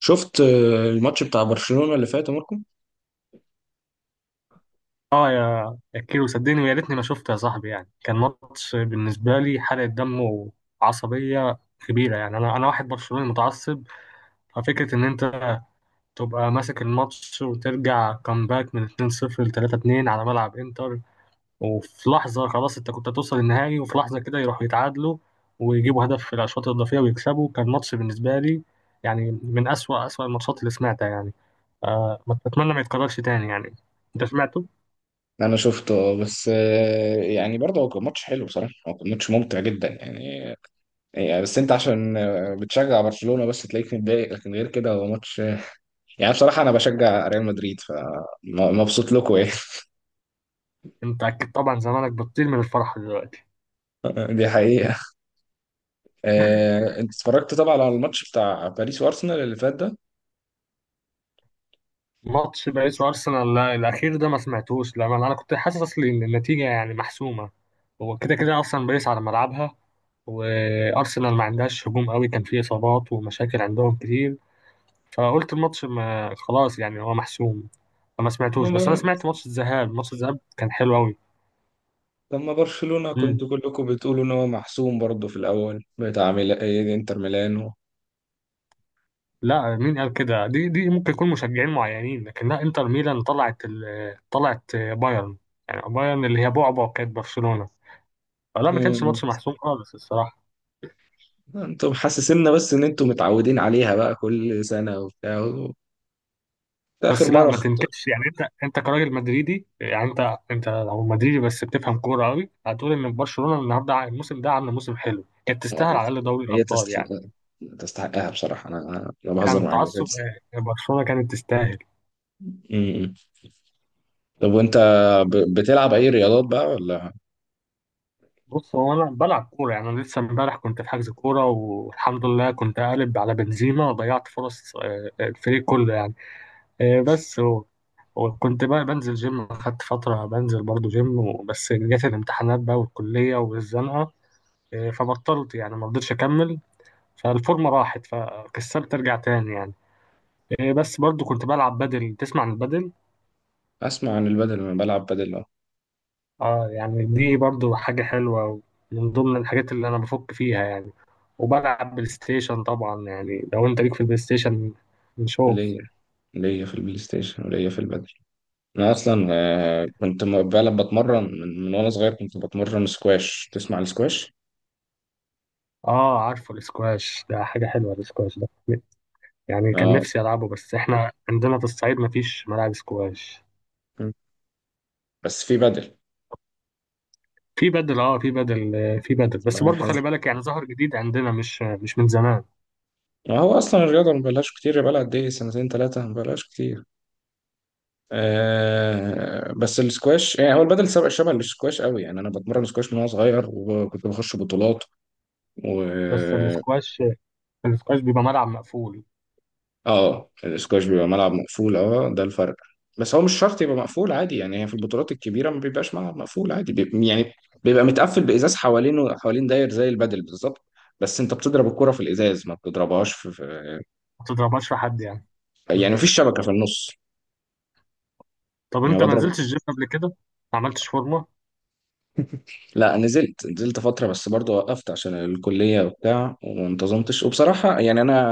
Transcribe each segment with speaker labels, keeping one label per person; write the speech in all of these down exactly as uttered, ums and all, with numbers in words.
Speaker 1: شفت آه، الماتش بتاع برشلونة اللي فات يا ماركو.
Speaker 2: اه، يا يا كيلو صدقني ويا ريتني ما شفت يا صاحبي، يعني كان ماتش بالنسبه لي حرقه دم وعصبيه كبيره. يعني انا انا واحد برشلوني متعصب، ففكره ان انت تبقى ماسك الماتش وترجع كامباك من اثنين صفر ل تلاتة اتنين على ملعب انتر، وفي لحظه خلاص انت كنت هتوصل النهائي، وفي لحظه كده يروحوا يتعادلوا ويجيبوا هدف في الاشواط الاضافيه ويكسبوا. كان ماتش بالنسبه لي يعني من اسوأ اسوأ الماتشات اللي سمعتها يعني. آه، ما اتمنى ما يتكررش تاني يعني. انت سمعته؟
Speaker 1: انا شفته، آه، بس آه، يعني برضه هو كان ماتش حلو بصراحة، هو كان ماتش ممتع جدا يعني. يعني بس انت عشان آه، بتشجع برشلونة بس تلاقيك متضايق، لكن غير كده هو ماتش، يعني بصراحة أنا بشجع ريال مدريد فمبسوط لكم إيه.
Speaker 2: انت اكيد طبعا زمانك بتطير من الفرحه دلوقتي.
Speaker 1: دي حقيقة. آه، أنت اتفرجت طبعا على الماتش بتاع باريس وأرسنال اللي فات ده؟
Speaker 2: ماتش باريس وارسنال لا، الاخير ده ما سمعتوش، لما انا كنت حاسس اصلي ان النتيجه يعني محسومه. هو كده كده اصلا باريس على ملعبها، وارسنال ما عندهاش هجوم قوي، كان فيه اصابات ومشاكل عندهم كتير، فقلت الماتش ما خلاص يعني هو محسوم، فما سمعتوش. بس انا
Speaker 1: لما
Speaker 2: سمعت ماتش الذهاب، ماتش الذهاب كان حلو قوي.
Speaker 1: لما برشلونة
Speaker 2: مم.
Speaker 1: كنتوا كلكم بتقولوا إن هو محسوم برضه في الأول بتاع ميلا... إيه، إنتر ميلانو.
Speaker 2: لا، مين قال كده؟ دي دي ممكن يكون مشجعين معينين، لكن لا، انتر ميلان طلعت ال... طلعت بايرن، يعني بايرن اللي هي بعبع كانت برشلونه. آه، لا، ما كانش
Speaker 1: مم.
Speaker 2: ماتش محسوم خالص الصراحه.
Speaker 1: أنتوا محسسينا بس إن أنتوا متعودين عليها بقى كل سنة وبتاع و- ده آخر
Speaker 2: بس لا،
Speaker 1: مرة
Speaker 2: ما
Speaker 1: خط...
Speaker 2: تنكدش يعني، انت انت كراجل مدريدي، يعني انت انت لو مدريدي بس بتفهم كوره قوي، هتقول ان برشلونه النهارده ع- الموسم ده عامل موسم حلو، كانت تستاهل على الاقل دوري
Speaker 1: هي
Speaker 2: الابطال يعني.
Speaker 1: تستحق، تستحقها بصراحة. أنا أنا أنا
Speaker 2: بعيد عن
Speaker 1: بهزر معاك بس هي
Speaker 2: التعصب،
Speaker 1: تستحق.
Speaker 2: آه، برشلونه كانت تستاهل.
Speaker 1: مم. طب وأنت ب- بتلعب أي رياضات بقى ولا؟
Speaker 2: بص، هو انا بلعب كوره، يعني انا لسه امبارح كنت في حجز كوره، والحمد لله كنت قالب على بنزيما وضيعت فرص آه، آه، الفريق كله يعني. آه، بس هو وكنت بقى بنزل جيم، خدت فترة بنزل برضو جيم، بس جت الامتحانات بقى والكلية والزنقة، إيه، فبطلت يعني، ما رضيتش اكمل، فالفورمه راحت، فكسلت ارجع تاني يعني. إيه، بس برضو كنت بلعب بدل. تسمع عن البدل؟
Speaker 1: اسمع عن البدل، انا بلعب بدل اه.
Speaker 2: اه، يعني دي برضو حاجه حلوه، من ضمن الحاجات اللي انا بفك فيها يعني. وبلعب بلاي ستيشن طبعا، يعني لو انت ليك في البلاي ستيشن نشوف.
Speaker 1: ليا ليا في البلاي ستيشن وليا في البدل. انا اصلا، آه، كنت م- بلعب، بتمرن من, من وانا صغير، كنت بتمرن سكواش، تسمع السكواش؟
Speaker 2: اه، عارفه الاسكواش، ده حاجه حلوه الاسكواش ده، يعني كان
Speaker 1: اه.
Speaker 2: نفسي العبه، بس احنا عندنا في الصعيد مفيش ملاعب سكواش.
Speaker 1: م. بس في بدل.
Speaker 2: في بدل، اه في بدل، آه، في بدل، بس
Speaker 1: والله
Speaker 2: برضو
Speaker 1: حلو،
Speaker 2: خلي بالك يعني، ظهر جديد عندنا، مش مش من زمان.
Speaker 1: ما هو اصلا الرياضه ما بلاش كتير، بقى لها قد ايه؟ سنتين ثلاثه ما بلاش كتير. آه بس السكواش يعني هو البدل سبق شبه السكواش قوي، يعني انا بتمرن سكواش من وانا صغير وكنت بخش بطولات و...
Speaker 2: بس الاسكواش، الاسكواش بيبقى ملعب مقفول.
Speaker 1: اه الاسكواش بيبقى ملعب مقفول اه، ده الفرق. بس هو مش شرط يبقى مقفول عادي، يعني هي في البطولات الكبيره ما بيبقاش ملعب مقفول عادي، بيبقى يعني بيبقى متقفل بازاز حوالينه، حوالين داير زي البادل بالظبط. بس انت بتضرب الكره في الازاز، ما بتضربهاش في في-
Speaker 2: ما تضربهاش في حد يعني. مم.
Speaker 1: يعني مفيش شبكه في النص.
Speaker 2: طب
Speaker 1: يعني
Speaker 2: انت ما
Speaker 1: بضرب.
Speaker 2: نزلتش الجيم قبل كده؟ ما عملتش فورمه؟
Speaker 1: لا نزلت، نزلت فتره بس برضه وقفت عشان الكليه وبتاع، وما انتظمتش. وبصراحه يعني انا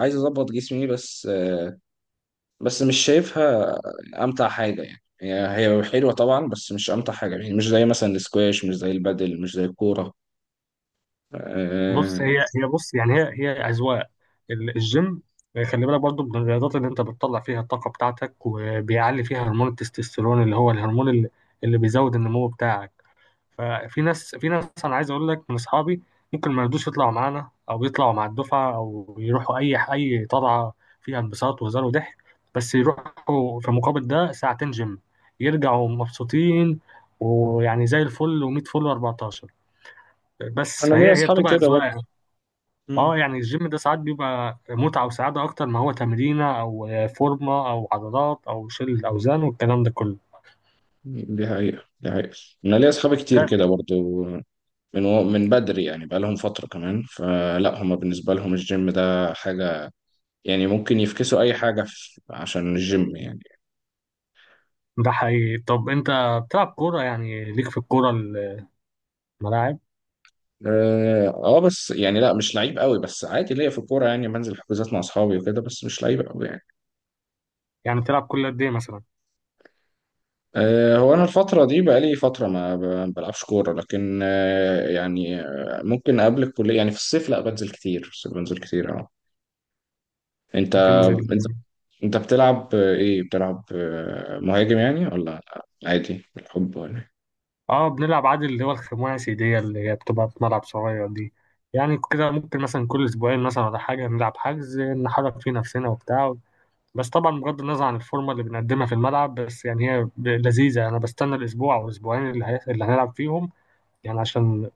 Speaker 1: عايز اظبط جسمي بس، بس مش شايفها امتع حاجه يعني. هي هي حلوه طبعا بس مش امتع حاجه، يعني مش زي مثلا السكواش، مش زي البادل، مش زي الكوره.
Speaker 2: بص،
Speaker 1: آه،
Speaker 2: هي هي بص يعني، هي هي اذواق. ال- الجيم، خلي بالك برضو، من الرياضات اللي انت بتطلع فيها الطاقه بتاعتك، وبيعلي فيها هرمون التستوستيرون، اللي هو الهرمون اللي, اللي بيزود النمو بتاعك. ففي ناس، في ناس انا عايز اقول لك من اصحابي، ممكن ما يرضوش يطلعوا معانا، او يطلعوا مع الدفعه، او يروحوا اي اي طلعه فيها انبساط وهزار وضحك، بس يروحوا في مقابل ده ساعتين جيم، يرجعوا مبسوطين، ويعني زي الفل و100 فل و14. بس
Speaker 1: انا ليا
Speaker 2: فهي هي
Speaker 1: اصحابي
Speaker 2: بتبقى
Speaker 1: كده برضه.
Speaker 2: اذواق. اه،
Speaker 1: مم.
Speaker 2: يعني الجيم ده ساعات بيبقى متعه وسعاده، اكتر ما هو تمرينه او فورمه او عضلات او شيل اوزان والكلام ده كله.
Speaker 1: دي حقيقه، دي حقيقه. انا ليا اصحابي كتير
Speaker 2: ده،
Speaker 1: كده برضه من و- من بدري، يعني بقى لهم فتره كمان، فلا هم بالنسبه لهم الجيم ده حاجه، يعني ممكن يفكسوا اي حاجه في- عشان الجيم يعني.
Speaker 2: ده حقيقي. طب انت بتلعب كوره، يعني ليك في الكوره، الملاعب؟
Speaker 1: اه آه، بس يعني لا مش لعيب قوي، بس عادي ليا في الكوره، يعني بنزل حجوزات مع اصحابي وكده، بس مش لعيب قوي يعني.
Speaker 2: يعني بتلعب كل قد إيه مثلا؟
Speaker 1: آه، هو أنا الفترة دي بقالي فترة ما ب- ما بلعبش كورة، لكن آه، يعني آه، ممكن قبل الكلية يعني في الصيف، لا بنزل كتير في الصيف، بنزل كتير اه. أنت،
Speaker 2: بتنزل؟
Speaker 1: أنت، أنت بتلعب آه، إيه بتلعب، آه، مهاجم يعني ولا عادي بالحب ولا إيه؟
Speaker 2: اه، بنلعب عادي، اللي هو الخماسي دي، اللي هي بتبقى في ملعب صغير دي. يعني كده ممكن مثلا كل أسبوعين مثلا ولا حاجة نلعب حجز، نحرك فيه نفسنا وبتاع. بس طبعا بغض النظر عن الفورمة اللي بنقدمها في الملعب، بس يعني هي ب- لذيذة. أنا بستنى الأسبوع أو الأسبوعين اللي, هي... اللي هنلعب فيهم، يعني عشان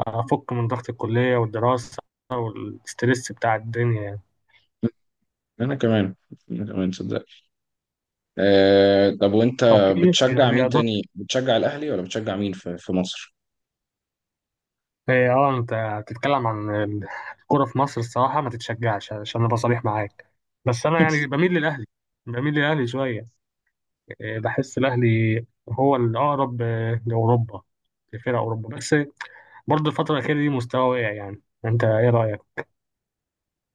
Speaker 2: أفك من ضغط الكلية والدراسة والستريس بتاع الدنيا يعني.
Speaker 1: أنا كمان أنا كمان صدق. آه، طب وأنت
Speaker 2: طب في
Speaker 1: بتشجع مين
Speaker 2: رياضات،
Speaker 1: تاني؟ بتشجع الأهلي ولا بتشجع مين في في مصر؟
Speaker 2: إيه، اه انت بتتكلم عن ال- الكرة في مصر؟ الصراحة ما تتشجعش عشان ابقى صريح معاك. بس انا يعني بميل للاهلي، بميل للاهلي شوية. إيه، بحس الاهلي هو الاقرب آه، لاوروبا، لفرق اوروبا. بس برضه الفترة الأخيرة دي مستوى واقع، يعني انت ايه رأيك؟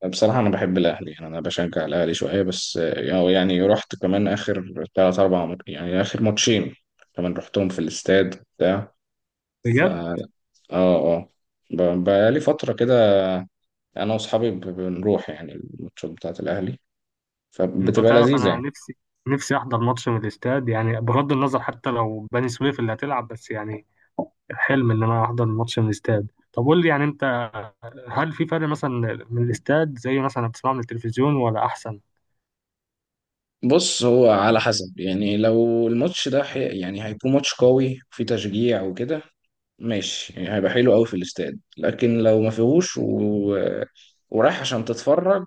Speaker 1: بصراحة أنا بحب الأهلي، يعني أنا بشجع الأهلي شوية بس، آه، يعني رحت كمان آخر تلات أربع مت- يعني آخر ماتشين كمان رحتهم في الاستاد بتاع. ف
Speaker 2: بجد.
Speaker 1: آه آه ب- بقالي فترة كده أنا وأصحابي ب- بنروح يعني الماتشات بتاعة الأهلي،
Speaker 2: انت
Speaker 1: فبتبقى
Speaker 2: تعرف
Speaker 1: لذيذة
Speaker 2: انا
Speaker 1: يعني.
Speaker 2: نفسي، نفسي احضر ماتش من الاستاد، يعني بغض النظر حتى لو بني سويف اللي هتلعب، بس يعني حلم ان انا احضر ماتش من الاستاد. طب قول لي يعني انت، هل في فرق مثلا من الاستاد، زي مثلا بتسمعه من التلفزيون، ولا احسن؟
Speaker 1: بص هو على حسب، يعني لو الماتش ده حي... يعني هيكون ماتش قوي وفيه تشجيع وكده، ماشي يعني هيبقى حلو قوي في الاستاد. لكن لو ما فيهوش و... ورايح عشان تتفرج،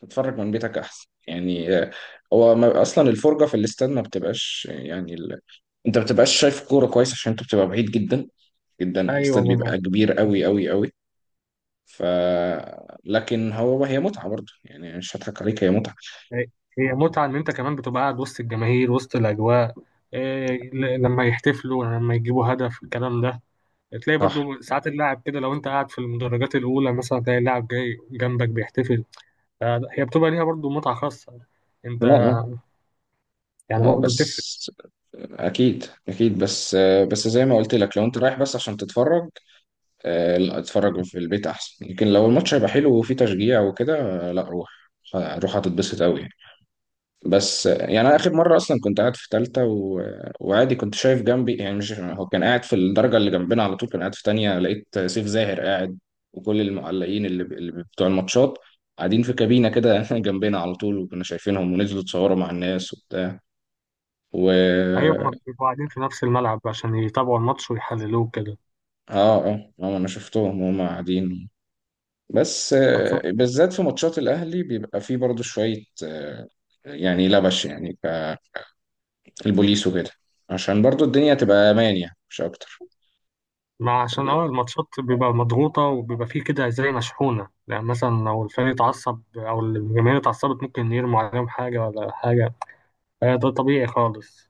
Speaker 1: تتفرج من بيتك احسن يعني. آه، هو ما اصلا الفرجه في الاستاد ما بتبقاش يعني ال... انت ما بتبقاش شايف كوره كويس عشان انت بتبقى بعيد جدا جدا،
Speaker 2: ايوه
Speaker 1: الاستاد
Speaker 2: ماما.
Speaker 1: بيبقى كبير قوي قوي قوي. ف لكن هو هي متعه برضه يعني، مش هضحك عليك هي متعه.
Speaker 2: هي، هي متعه ان انت كمان بتبقى قاعد وسط الجماهير وسط الاجواء. إيه، ل- لما يحتفلوا، لما يجيبوا هدف، الكلام ده. تلاقي
Speaker 1: صح.
Speaker 2: برضو ساعات اللاعب كده، لو انت قاعد في المدرجات الاولى مثلا، تلاقي اللاعب جاي جنبك بيحتفل. فهي بتبقى ليها برضو متعه خاصه.
Speaker 1: لا
Speaker 2: انت
Speaker 1: لا
Speaker 2: يعني
Speaker 1: لا
Speaker 2: برضو بتفرق.
Speaker 1: بس اكيد اكيد، بس آه، بس زي ما قلت لك لو انت رايح بس عشان تتفرج، آه، لا اتفرج في البيت احسن. لكن لو الماتش هيبقى حلو وفيه تشجيع وكده، آه، لا روح، روح هتتبسط قوي. بس يعني انا اخر مره اصلا كنت قاعد في ثالثه و... وعادي كنت شايف جنبي يعني، مش هو كان قاعد في الدرجه اللي جنبنا، على طول كان قاعد في ثانيه، لقيت سيف زاهر قاعد. وكل المعلقين اللي, ب... اللي بتوع الماتشات قاعدين في كابينه كده جنبنا على طول، وكنا شايفينهم ونزلوا اتصوروا مع الناس وبتاع. و
Speaker 2: ايوه، هما بيبقوا قاعدين في نفس الملعب عشان يتابعوا الماتش ويحللوه كده.
Speaker 1: اه اه آه، انا شفتهم وهم قاعدين. بس آه، بالذات في ماتشات الاهلي بيبقى فيه برضو شويه، آه، يعني لبش يعني ك- البوليس وكده عشان برضو الدنيا تبقى امان يعني مش اكتر.
Speaker 2: ما عشان اه الماتشات بيبقى مضغوطة، وبيبقى فيه كده زي مشحونة، يعني مثلا لو الفريق اتعصب أو الجماهير اتعصبت ممكن يرموا عليهم حاجة ولا حاجة. آه، ده طبيعي خالص.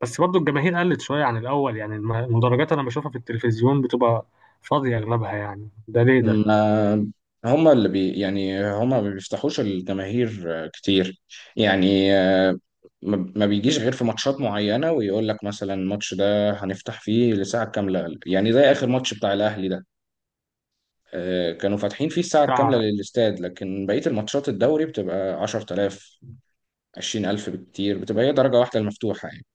Speaker 2: بس برضو الجماهير قلت شوية عن الأول، يعني الم- المدرجات أنا بشوفها في التلفزيون بتبقى فاضية أغلبها يعني، ده ليه ده؟
Speaker 1: ما هما اللي بي يعني هما ما بيفتحوش الجماهير آه، كتير، يعني آه، ما ما بيجيش غير في ماتشات معينة، ويقول لك مثلا الماتش ده هنفتح فيه لساعة كاملة، يعني زي آخر ماتش بتاع الأهلي ده، آه، كانوا فاتحين فيه الساعة الكاملة
Speaker 2: بتاع،
Speaker 1: للاستاد. لكن بقية الماتشات الدوري بتبقى عشرة آلاف، عشرين ألف بالكتير، بتبقى هي درجة واحدة المفتوحة يعني.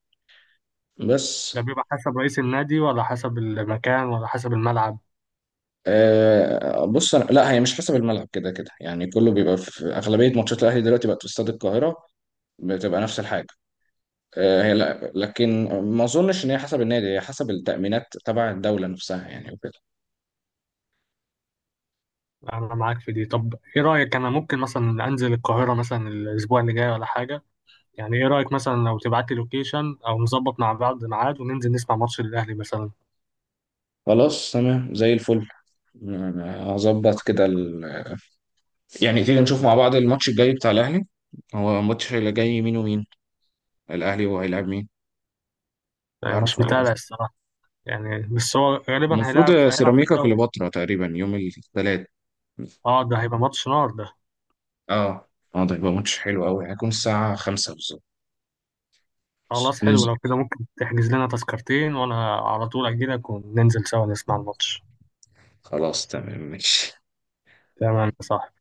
Speaker 1: بس
Speaker 2: ده بيبقى حسب رئيس النادي، ولا حسب المكان، ولا حسب الملعب؟
Speaker 1: آه، بص أنا لا هي مش حسب الملعب، كده كده يعني كله بيبقى في في أغلبية ماتشات الأهلي دلوقتي بقت في استاد القاهرة، بتبقى نفس الحاجة. آه، هي لا، لكن ما أظنش إن هي حسب النادي، هي حسب التأمينات تبع الدولة نفسها يعني وكده.
Speaker 2: أنا معاك في دي. طب إيه رأيك، أنا ممكن مثلا أنزل القاهرة مثلا الأسبوع اللي جاي ولا حاجة، يعني ايه رأيك مثلا لو تبعت لي لوكيشن او نظبط مع بعض ميعاد، وننزل نسمع ماتش الاهلي مثلا؟
Speaker 1: خلاص تمام زي الفل. آه، هظبط كده ال... يعني تيجي نشوف مع بعض الماتش الجاي بتاع الأهلي. هو الماتش اللي جاي مين ومين؟ الأهلي وهيلعب مين؟
Speaker 2: آه،
Speaker 1: تعرف
Speaker 2: مش
Speaker 1: ولا لأ؟ آه.
Speaker 2: متابع الصراحة، يعني بس هو غالبا هيلعب،
Speaker 1: المفروض
Speaker 2: هيلعب في
Speaker 1: سيراميكا
Speaker 2: الدوري.
Speaker 1: كليوباترا تقريبا يوم الثلاث.
Speaker 2: اه، ده هيبقى ماتش نار ده.
Speaker 1: اه اه ده يبقى ماتش حلو قوي، هيكون الساعة خمسة بالظبط.
Speaker 2: خلاص، حلو
Speaker 1: ننزل
Speaker 2: لو كده، ممكن تحجز لنا تذكرتين، وانا على طول اجي لك وننزل سوا نسمع الماتش.
Speaker 1: خلاص تمام ماشي.
Speaker 2: تمام، صح.